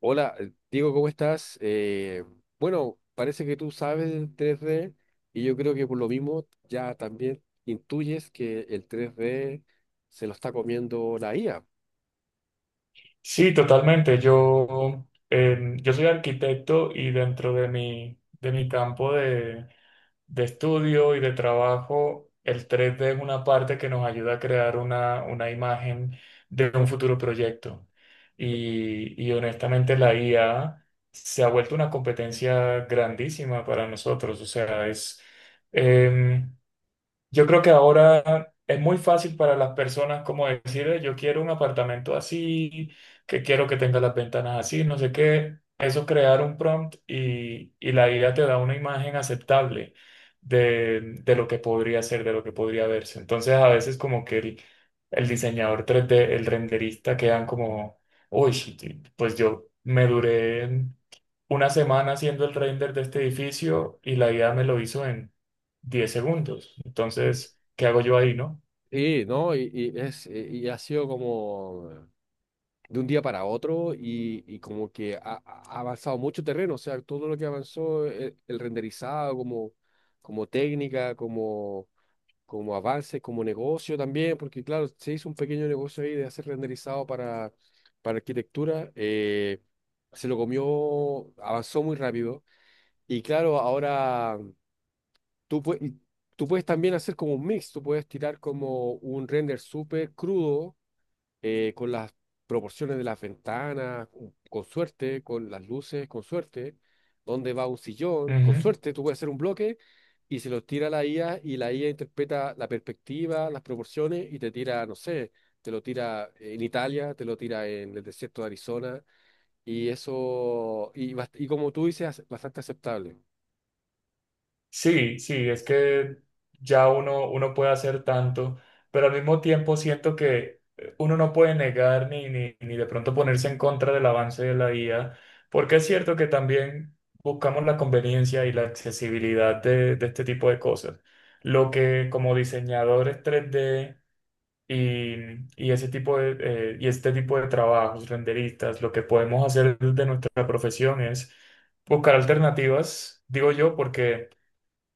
Hola, Diego, ¿cómo estás? Bueno, parece que tú sabes del 3D y yo creo que por lo mismo ya también intuyes que el tres d se lo está comiendo la IA. Sí, totalmente. Yo soy arquitecto y dentro de de mi campo de estudio y de trabajo, el 3D es una parte que nos ayuda a crear una imagen de un futuro proyecto. Y honestamente la IA se ha vuelto una competencia grandísima para nosotros. O sea, em, yo creo que ahora es muy fácil para las personas como decir, yo quiero un apartamento así, que quiero que tenga las ventanas así, no sé qué. Eso crear un prompt y la idea te da una imagen aceptable de lo que podría ser, de lo que podría verse. Entonces a veces como que el diseñador 3D, el renderista quedan como, uy, sí, pues yo me duré una semana haciendo el render de este edificio y la idea me lo hizo en 10 segundos. Sí, Entonces, ¿qué hago yo ahí, no? sí, ¿no? Y es, y ha sido como de un día para otro, y como que ha avanzado mucho terreno. O sea, todo lo que avanzó, el renderizado como, como, técnica, como avance, como negocio también, porque claro, se hizo un pequeño negocio ahí de hacer renderizado para arquitectura. Se lo comió, avanzó muy rápido, y claro, ahora tú puedes... tú puedes también hacer como un mix. Tú puedes tirar como un render súper crudo, con las proporciones de las ventanas, con suerte, con las luces, con suerte, dónde va un sillón, con Ujú. suerte tú puedes hacer un bloque y se lo tira a la IA, y la IA interpreta la perspectiva, las proporciones, y te tira, no sé, te lo tira en Italia, te lo tira en el desierto de Arizona. Y eso, y como tú dices, bastante aceptable. Sí, sí, es que ya uno puede hacer tanto, pero al mismo tiempo siento que uno no puede negar ni de pronto ponerse en contra del avance de la IA, porque es cierto que también buscamos la conveniencia y la accesibilidad de este tipo de cosas. Lo que como diseñadores 3D y, y ese y este tipo de trabajos, renderistas, lo que podemos hacer desde nuestra profesión es buscar alternativas, digo yo, porque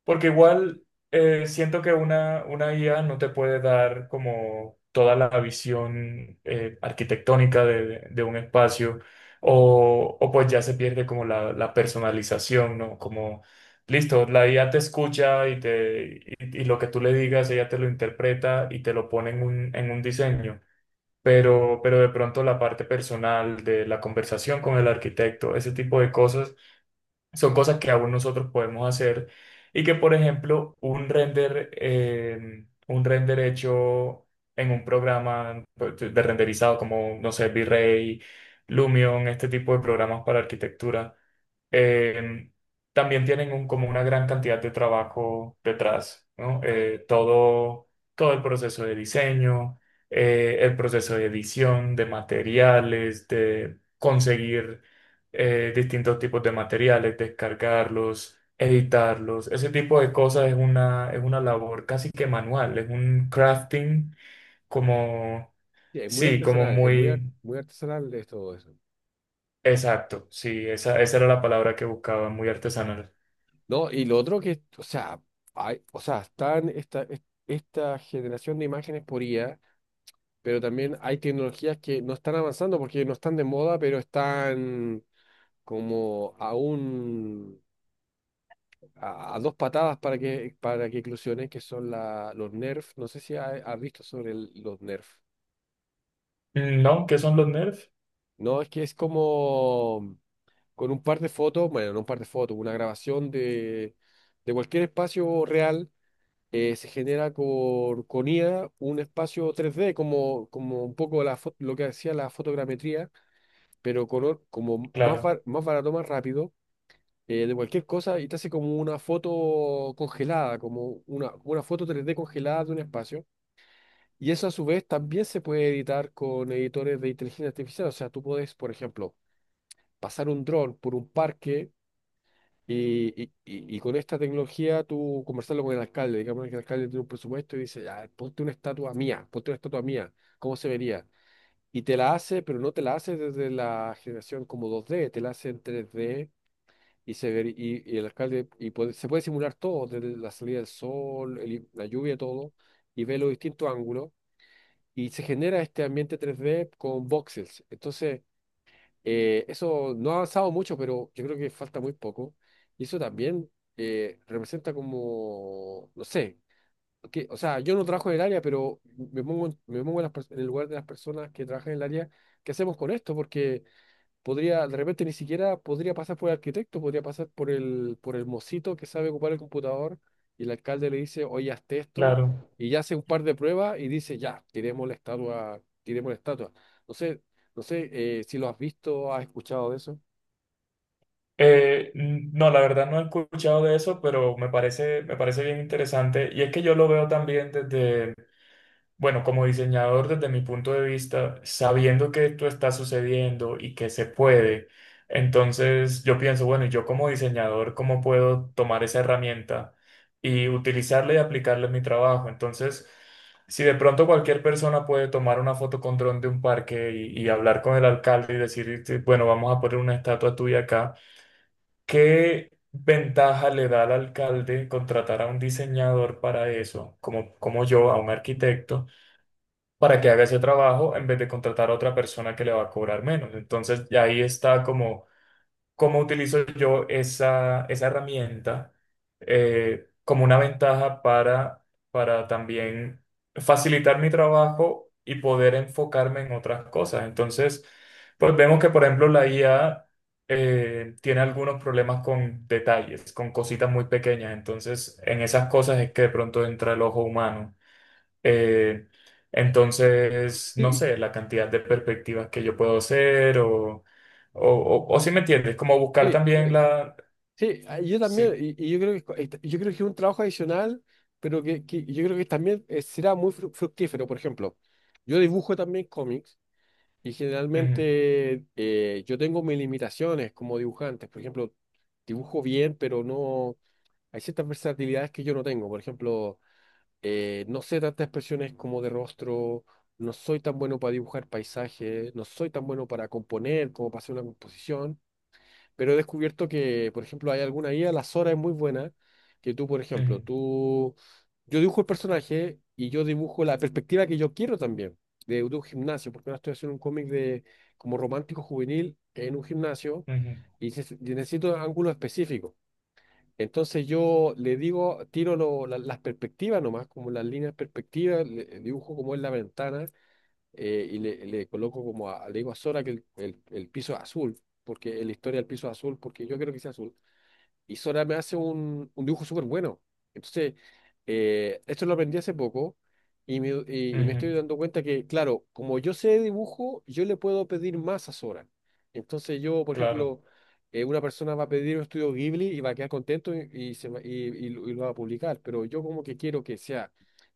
porque igual siento que una IA no te puede dar como toda la visión arquitectónica de, de un espacio o pues ya se pierde como la personalización, ¿no? Como, listo, la IA te escucha y lo que tú le digas, ella te lo interpreta y te lo pone en en un diseño. Pero de pronto la parte personal de la conversación con el arquitecto, ese tipo de cosas son cosas que aún nosotros podemos hacer y que, por ejemplo, un render hecho en un programa pues, de renderizado como, no sé, V-Ray, Lumion, este tipo de programas para arquitectura, eh, también como una gran cantidad de trabajo detrás, ¿no? Todo el proceso de diseño, el proceso de edición, de materiales, de conseguir distintos tipos de materiales, descargarlos, editarlos. Ese tipo de cosas es es una labor casi que manual, es un crafting como, Sí, es muy sí, como artesanal, es muy, muy muy artesanal de todo eso. exacto. Sí, esa era la palabra que buscaba, muy artesanal. No, y lo otro que, o sea, hay, o sea, esta generación de imágenes por IA, pero también hay tecnologías que no están avanzando porque no están de moda, pero están como a dos patadas para que eclosionen, que son la, los Nerf. No sé si has visto sobre los Nerf. Mm, no, ¿qué son los nerfs? No, es que es como con un par de fotos, bueno, no un par de fotos, una grabación de, cualquier espacio real. Se genera con IA un espacio 3D, como, como un poco lo que hacía la fotogrametría, pero color como más, Claro, bar- más barato, más rápido, de cualquier cosa, y te hace como una foto congelada, como una foto 3D congelada de un espacio. Y eso a su vez también se puede editar con editores de inteligencia artificial. O sea, tú puedes, por ejemplo, pasar un dron por un parque y, y con esta tecnología tú conversarlo con el alcalde. Digamos que el alcalde tiene un presupuesto y dice, "Ya, ponte una estatua mía, ponte una estatua mía, ¿cómo se vería?". Y te la hace, pero no te la hace desde la generación como dos d, te la hace en tres d, y el alcalde se puede simular todo, desde la salida del sol, la lluvia, todo, y ve los distintos ángulos, y se genera este ambiente tres d con voxels. Entonces, eso no ha avanzado mucho, pero yo creo que falta muy poco. Y eso también representa como, no sé, que, o sea, yo no trabajo en el área, pero me pongo en, las pers- en el lugar de las personas que trabajan en el área. ¿Qué hacemos con esto? Porque podría, de repente ni siquiera podría pasar por el arquitecto, podría pasar por el mocito que sabe ocupar el computador, y el alcalde le dice, "Oye, hazte esto", claro. y ya hace un par de pruebas y dice, "Ya, tiremos la estatua, tiremos la estatua". No sé, no sé si lo has visto, has escuchado de eso. No, la verdad no he escuchado de eso, pero me parece bien interesante. Y es que yo lo veo también desde, bueno, como diseñador, desde mi punto de vista, sabiendo que esto está sucediendo y que se puede, entonces yo pienso, bueno, ¿y yo como diseñador, cómo puedo tomar esa herramienta y utilizarla y aplicarla en mi trabajo? Entonces, si de pronto cualquier persona puede tomar una foto con dron de un parque y hablar con el alcalde y decir, "Sí, bueno, vamos a poner una estatua tuya acá, ¿qué ventaja le da al alcalde contratar a un diseñador para eso, como, como yo, a un arquitecto? Para que haga ese trabajo en vez de contratar a otra persona que le va a cobrar menos. Entonces, ya ahí está como cómo utilizo yo esa herramienta como una ventaja para también facilitar mi trabajo y poder enfocarme en otras cosas. Entonces, pues vemos que, por ejemplo, la IA tiene algunos problemas con detalles, con cositas muy pequeñas. Entonces, en esas cosas es que de pronto entra el ojo humano eh, entonces, no Sí, sé, la cantidad de perspectivas que yo puedo hacer o si me entiendes, como buscar sí, sí, también la... sí, ah, yo también. Sí, Y yo creo que, es un trabajo adicional, pero que yo creo que también será muy fructífero. Por ejemplo, yo dibujo también cómics. Y ujú, generalmente yo tengo mis limitaciones como dibujante. Por ejemplo, dibujo bien, pero no hay ciertas versatilidades que yo no tengo. Por ejemplo, no sé tantas expresiones como de rostro, no soy tan bueno para dibujar paisajes, no soy tan bueno para componer como para hacer una composición. Pero he descubierto que, por ejemplo, hay alguna IA, la Sora es muy buena, que tú, por ejemplo, ujú, tú, yo dibujo el personaje y yo dibujo la perspectiva que yo quiero también, de un gimnasio, porque ahora estoy haciendo un cómic de como romántico juvenil en un gimnasio, ujú, y necesito ángulos específicos. Entonces yo le digo, tiro las perspectivas nomás, como las líneas perspectivas, dibujo como es la ventana, y le coloco le digo a Sora que el piso es azul, porque en la historia el piso es azul, porque yo creo que sea azul, y Sora me hace un dibujo súper bueno. Entonces, esto lo aprendí hace poco, y me ujú, estoy dando cuenta que, claro, como yo sé de dibujo, yo le puedo pedir más a Sora. Entonces yo, por claro. ejemplo, una persona va a pedir un estudio Ghibli y va a quedar contento, y lo va a publicar, pero yo como que quiero que sea,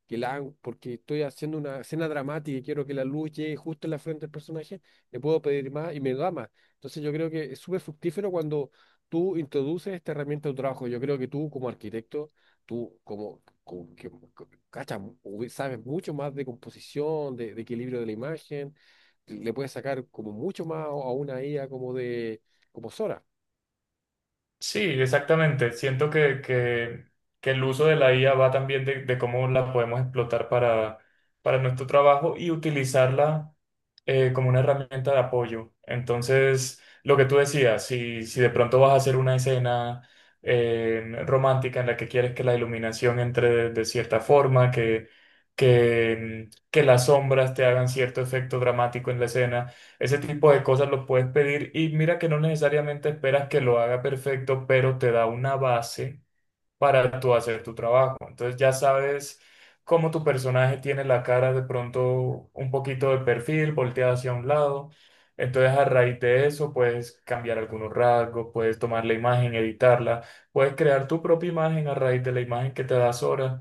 que la hagan, porque estoy haciendo una escena dramática y quiero que la luz llegue justo en la frente del personaje. Le puedo pedir más y me da más. Entonces yo creo que es súper fructífero cuando tú introduces esta herramienta a tu trabajo. Yo creo que tú como arquitecto, tú como, que sabes mucho más de composición, de equilibrio de la imagen, le puedes sacar como mucho más a una IA como Sora. Sí, exactamente. Siento que el uso de la IA va también de cómo la podemos explotar para nuestro trabajo y utilizarla como una herramienta de apoyo. Entonces, lo que tú decías, si de pronto vas a hacer una escena romántica en la que quieres que la iluminación entre de cierta forma, que las sombras te hagan cierto efecto dramático en la escena, ese tipo de cosas lo puedes pedir y mira que no necesariamente esperas que lo haga perfecto, pero te da una base para tú hacer tu trabajo. Entonces ya sabes cómo tu personaje tiene la cara de pronto un poquito de perfil, volteada hacia un lado. Entonces a raíz de eso puedes cambiar algunos rasgos, puedes tomar la imagen, editarla, puedes crear tu propia imagen a raíz de la imagen que te da Sora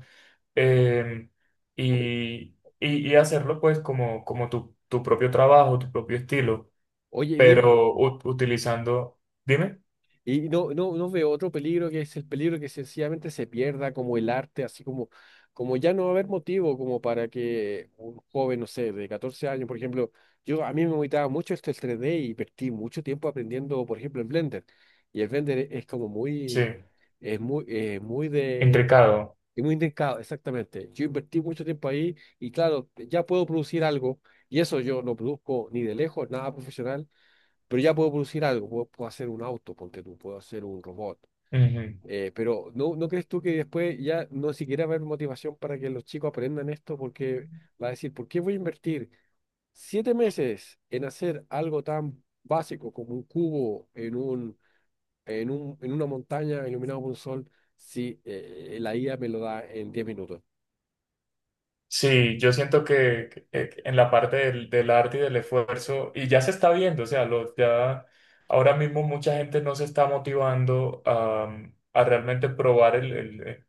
eh, y hacerlo pues como, como tu propio trabajo, tu propio estilo, Oye, Diego, pero utilizando, dime, y no, no, no veo otro peligro que es el peligro que sencillamente se pierda como el arte, así como, como ya no va a haber motivo como para que un joven, no sé, de 14 años, por ejemplo. Yo, a mí me gustaba mucho esto, el 3D, y perdí mucho tiempo aprendiendo, por ejemplo, en Blender. Y el Blender es como sí, muy, es muy, eh, muy de, intricado. es muy indicado, exactamente. Yo invertí mucho tiempo ahí y claro, ya puedo producir algo, y eso yo no produzco ni de lejos, nada profesional, pero ya puedo producir algo. Puedo, puedo hacer un auto, ponte tú, puedo hacer un robot. Pero ¿no, no crees tú que después ya no siquiera va a haber motivación para que los chicos aprendan esto? Porque va a decir, ¿por qué voy a invertir 7 meses en hacer algo tan básico como un cubo en una montaña iluminado por un sol si la IA me lo da en 10 minutos? Sí, yo siento que en la parte del arte y del esfuerzo, y ya se está viendo, o sea, ya ahora mismo mucha gente no se está motivando a, mm, a realmente probar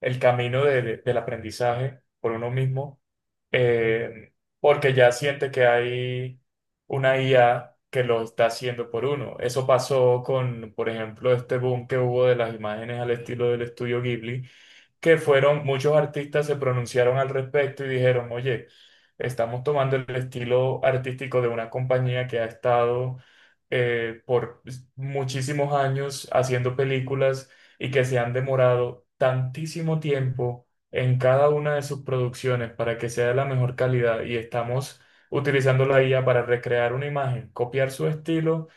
el camino del aprendizaje por uno mismo, eh, porque ya siente que hay una IA que lo está haciendo por uno. Eso pasó con, por ejemplo, este boom que hubo de las imágenes al estilo del estudio Ghibli que fueron, muchos artistas se pronunciaron al respecto y dijeron, oye, estamos tomando el estilo artístico de una compañía que ha estado por muchísimos años haciendo películas y que se han demorado tantísimo tiempo en cada una de sus producciones para que sea de la mejor calidad y estamos utilizando la IA para recrear una imagen, copiar su estilo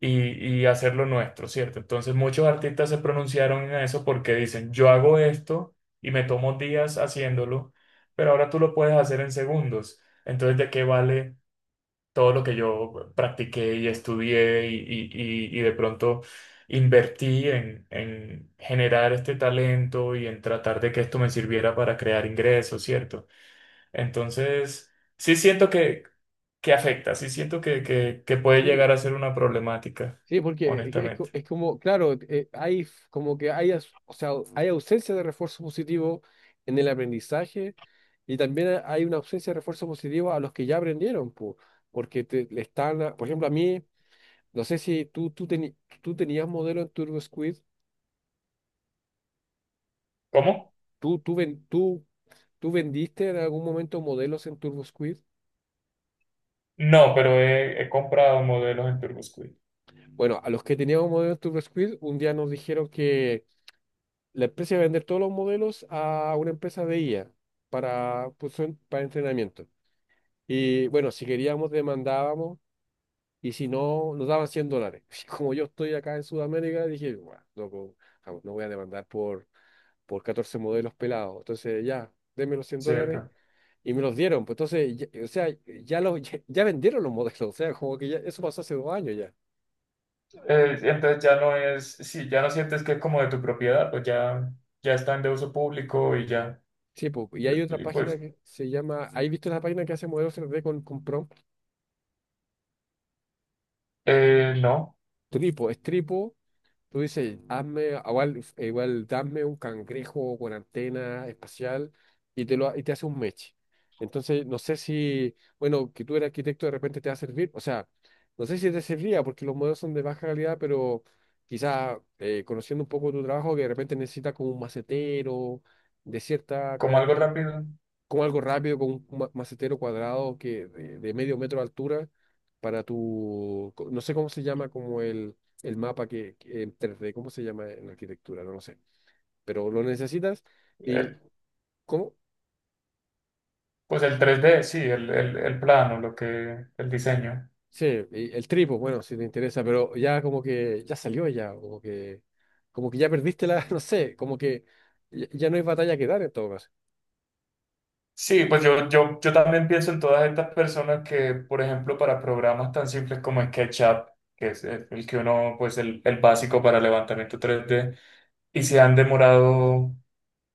y hacerlo nuestro, ¿cierto? Entonces muchos artistas se pronunciaron en eso porque dicen, yo hago esto y me tomo días haciéndolo, pero ahora tú lo puedes hacer en segundos. Entonces, ¿de qué vale todo lo que yo practiqué y estudié y de pronto invertí en generar este talento y en tratar de que esto me sirviera para crear ingresos, ¿cierto? Entonces, sí siento que afecta. Sí siento que puede llegar Sí, a ser una problemática, sí, porque es, es honestamente. co- es como, claro, como que o sea, hay ausencia de refuerzo positivo en el aprendizaje, y también hay una ausencia de refuerzo positivo a los que ya aprendieron, po, porque te, le están, a- por ejemplo, a mí, no sé si tú tenías modelo en TurboSquid, ¿Cómo? tú, tú, ven- tú, tú vendiste en algún momento modelos en TurboSquid. No, pero he comprado modelos en TurboSquid, Bueno, a los que teníamos modelos en TurboSquid, un día nos dijeron: la empresa iba a vender todos los modelos a una empresa de IA para, pues, para entrenamiento. Y bueno, si queríamos, demandábamos, y si no, nos daban $100. Como yo estoy acá en Sudamérica, dije, bueno, loco, jamás no voy a demandar por 14 modelos pelados. Entonces, ya, denme los $100. ¿cierto? Y me los dieron, pues entonces, o sea, ya, los, ya, ya vendieron los modelos. O sea, como que ya, eso pasó hace 2 años ya. Entonces ya no es, si ya no sientes que es como de tu propiedad, pues ya, ya están de uso público y ya, Sí, pues, y hay otra y página pues que se llama, ¿hay visto la página que hace modelos 3D con prompt? No, Tripo, es Tripo. Tú dices, "Hazme, ah, igual, igual dame un cangrejo con antena espacial", y te hace un meche. Entonces, no sé si, bueno, que tú eres arquitecto de repente te va a servir. O sea, no sé si te serviría porque los modelos son de baja calidad, pero quizás conociendo un poco tu trabajo, que de repente necesitas como un macetero de cierta como algo característica, rápido. como algo rápido, con un macetero cuadrado que de, medio metro de altura para tu, no sé cómo se llama, como el mapa que en 3D. ¿Cómo se llama en arquitectura? No lo sé, pero lo necesitas, y Eh, ¿cómo? pues el 3D, sí, el plano, lo que, el diseño. Sí, y el tripo, bueno, si te interesa, pero ya como que ya salió ya, como que ya perdiste la, no sé, como que ya, ya no hay batalla que dar en todo caso. Sí, yo también pienso en todas estas personas que, por ejemplo, para programas tan simples como SketchUp, que es el que uno, pues el básico para levantamiento 3D, y se han demorado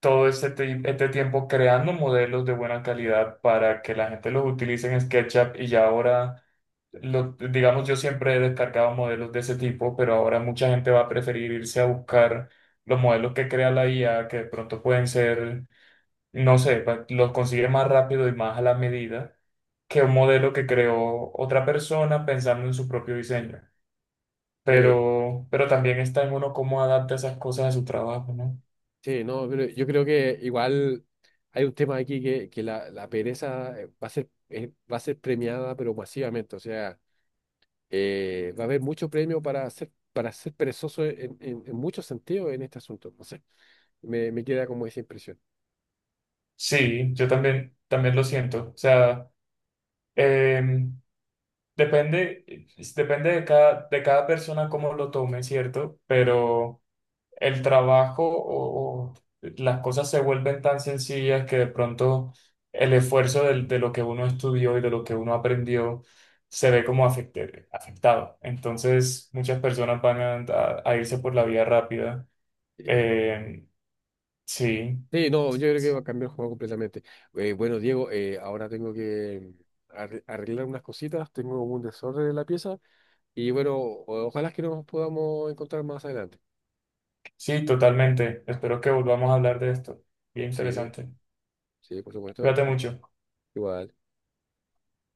todo este tiempo creando modelos de buena calidad para que la gente los utilice en SketchUp y ya ahora, digamos, yo siempre he descargado modelos de ese tipo, pero ahora mucha gente va a preferir irse a buscar los modelos que crea la IA, que de pronto pueden ser no sé, los consigue más rápido y más a la medida que un modelo que creó otra persona pensando en su propio diseño. Pero Sí, también está en uno cómo adapta esas cosas a su trabajo, ¿no? sí, no, pero yo creo que igual hay un tema aquí que la pereza va a ser premiada, pero masivamente. O sea, va a haber mucho premio para ser perezoso en muchos sentidos en este asunto. No sé, me queda como esa impresión. Sí, yo también, también lo siento. O sea, eh, depende, depende de cada persona cómo lo tome, ¿cierto? Pero... el trabajo o las cosas se vuelven tan sencillas que de pronto el esfuerzo lo que uno estudió y de lo que uno aprendió se ve como afectado. Entonces, muchas personas van a irse por la vía rápida. Eh, Eh, sí, Sí, no, yo creo que va a cambiar el juego completamente. Bueno, Diego, ahora tengo que arreglar unas cositas, tengo un desorden en la pieza. Y bueno, ojalá que nos podamos encontrar más adelante. sí, totalmente. Espero que volvamos a hablar de esto. Bien Sí, interesante. sí, por supuesto. Cuídate mucho. Igual.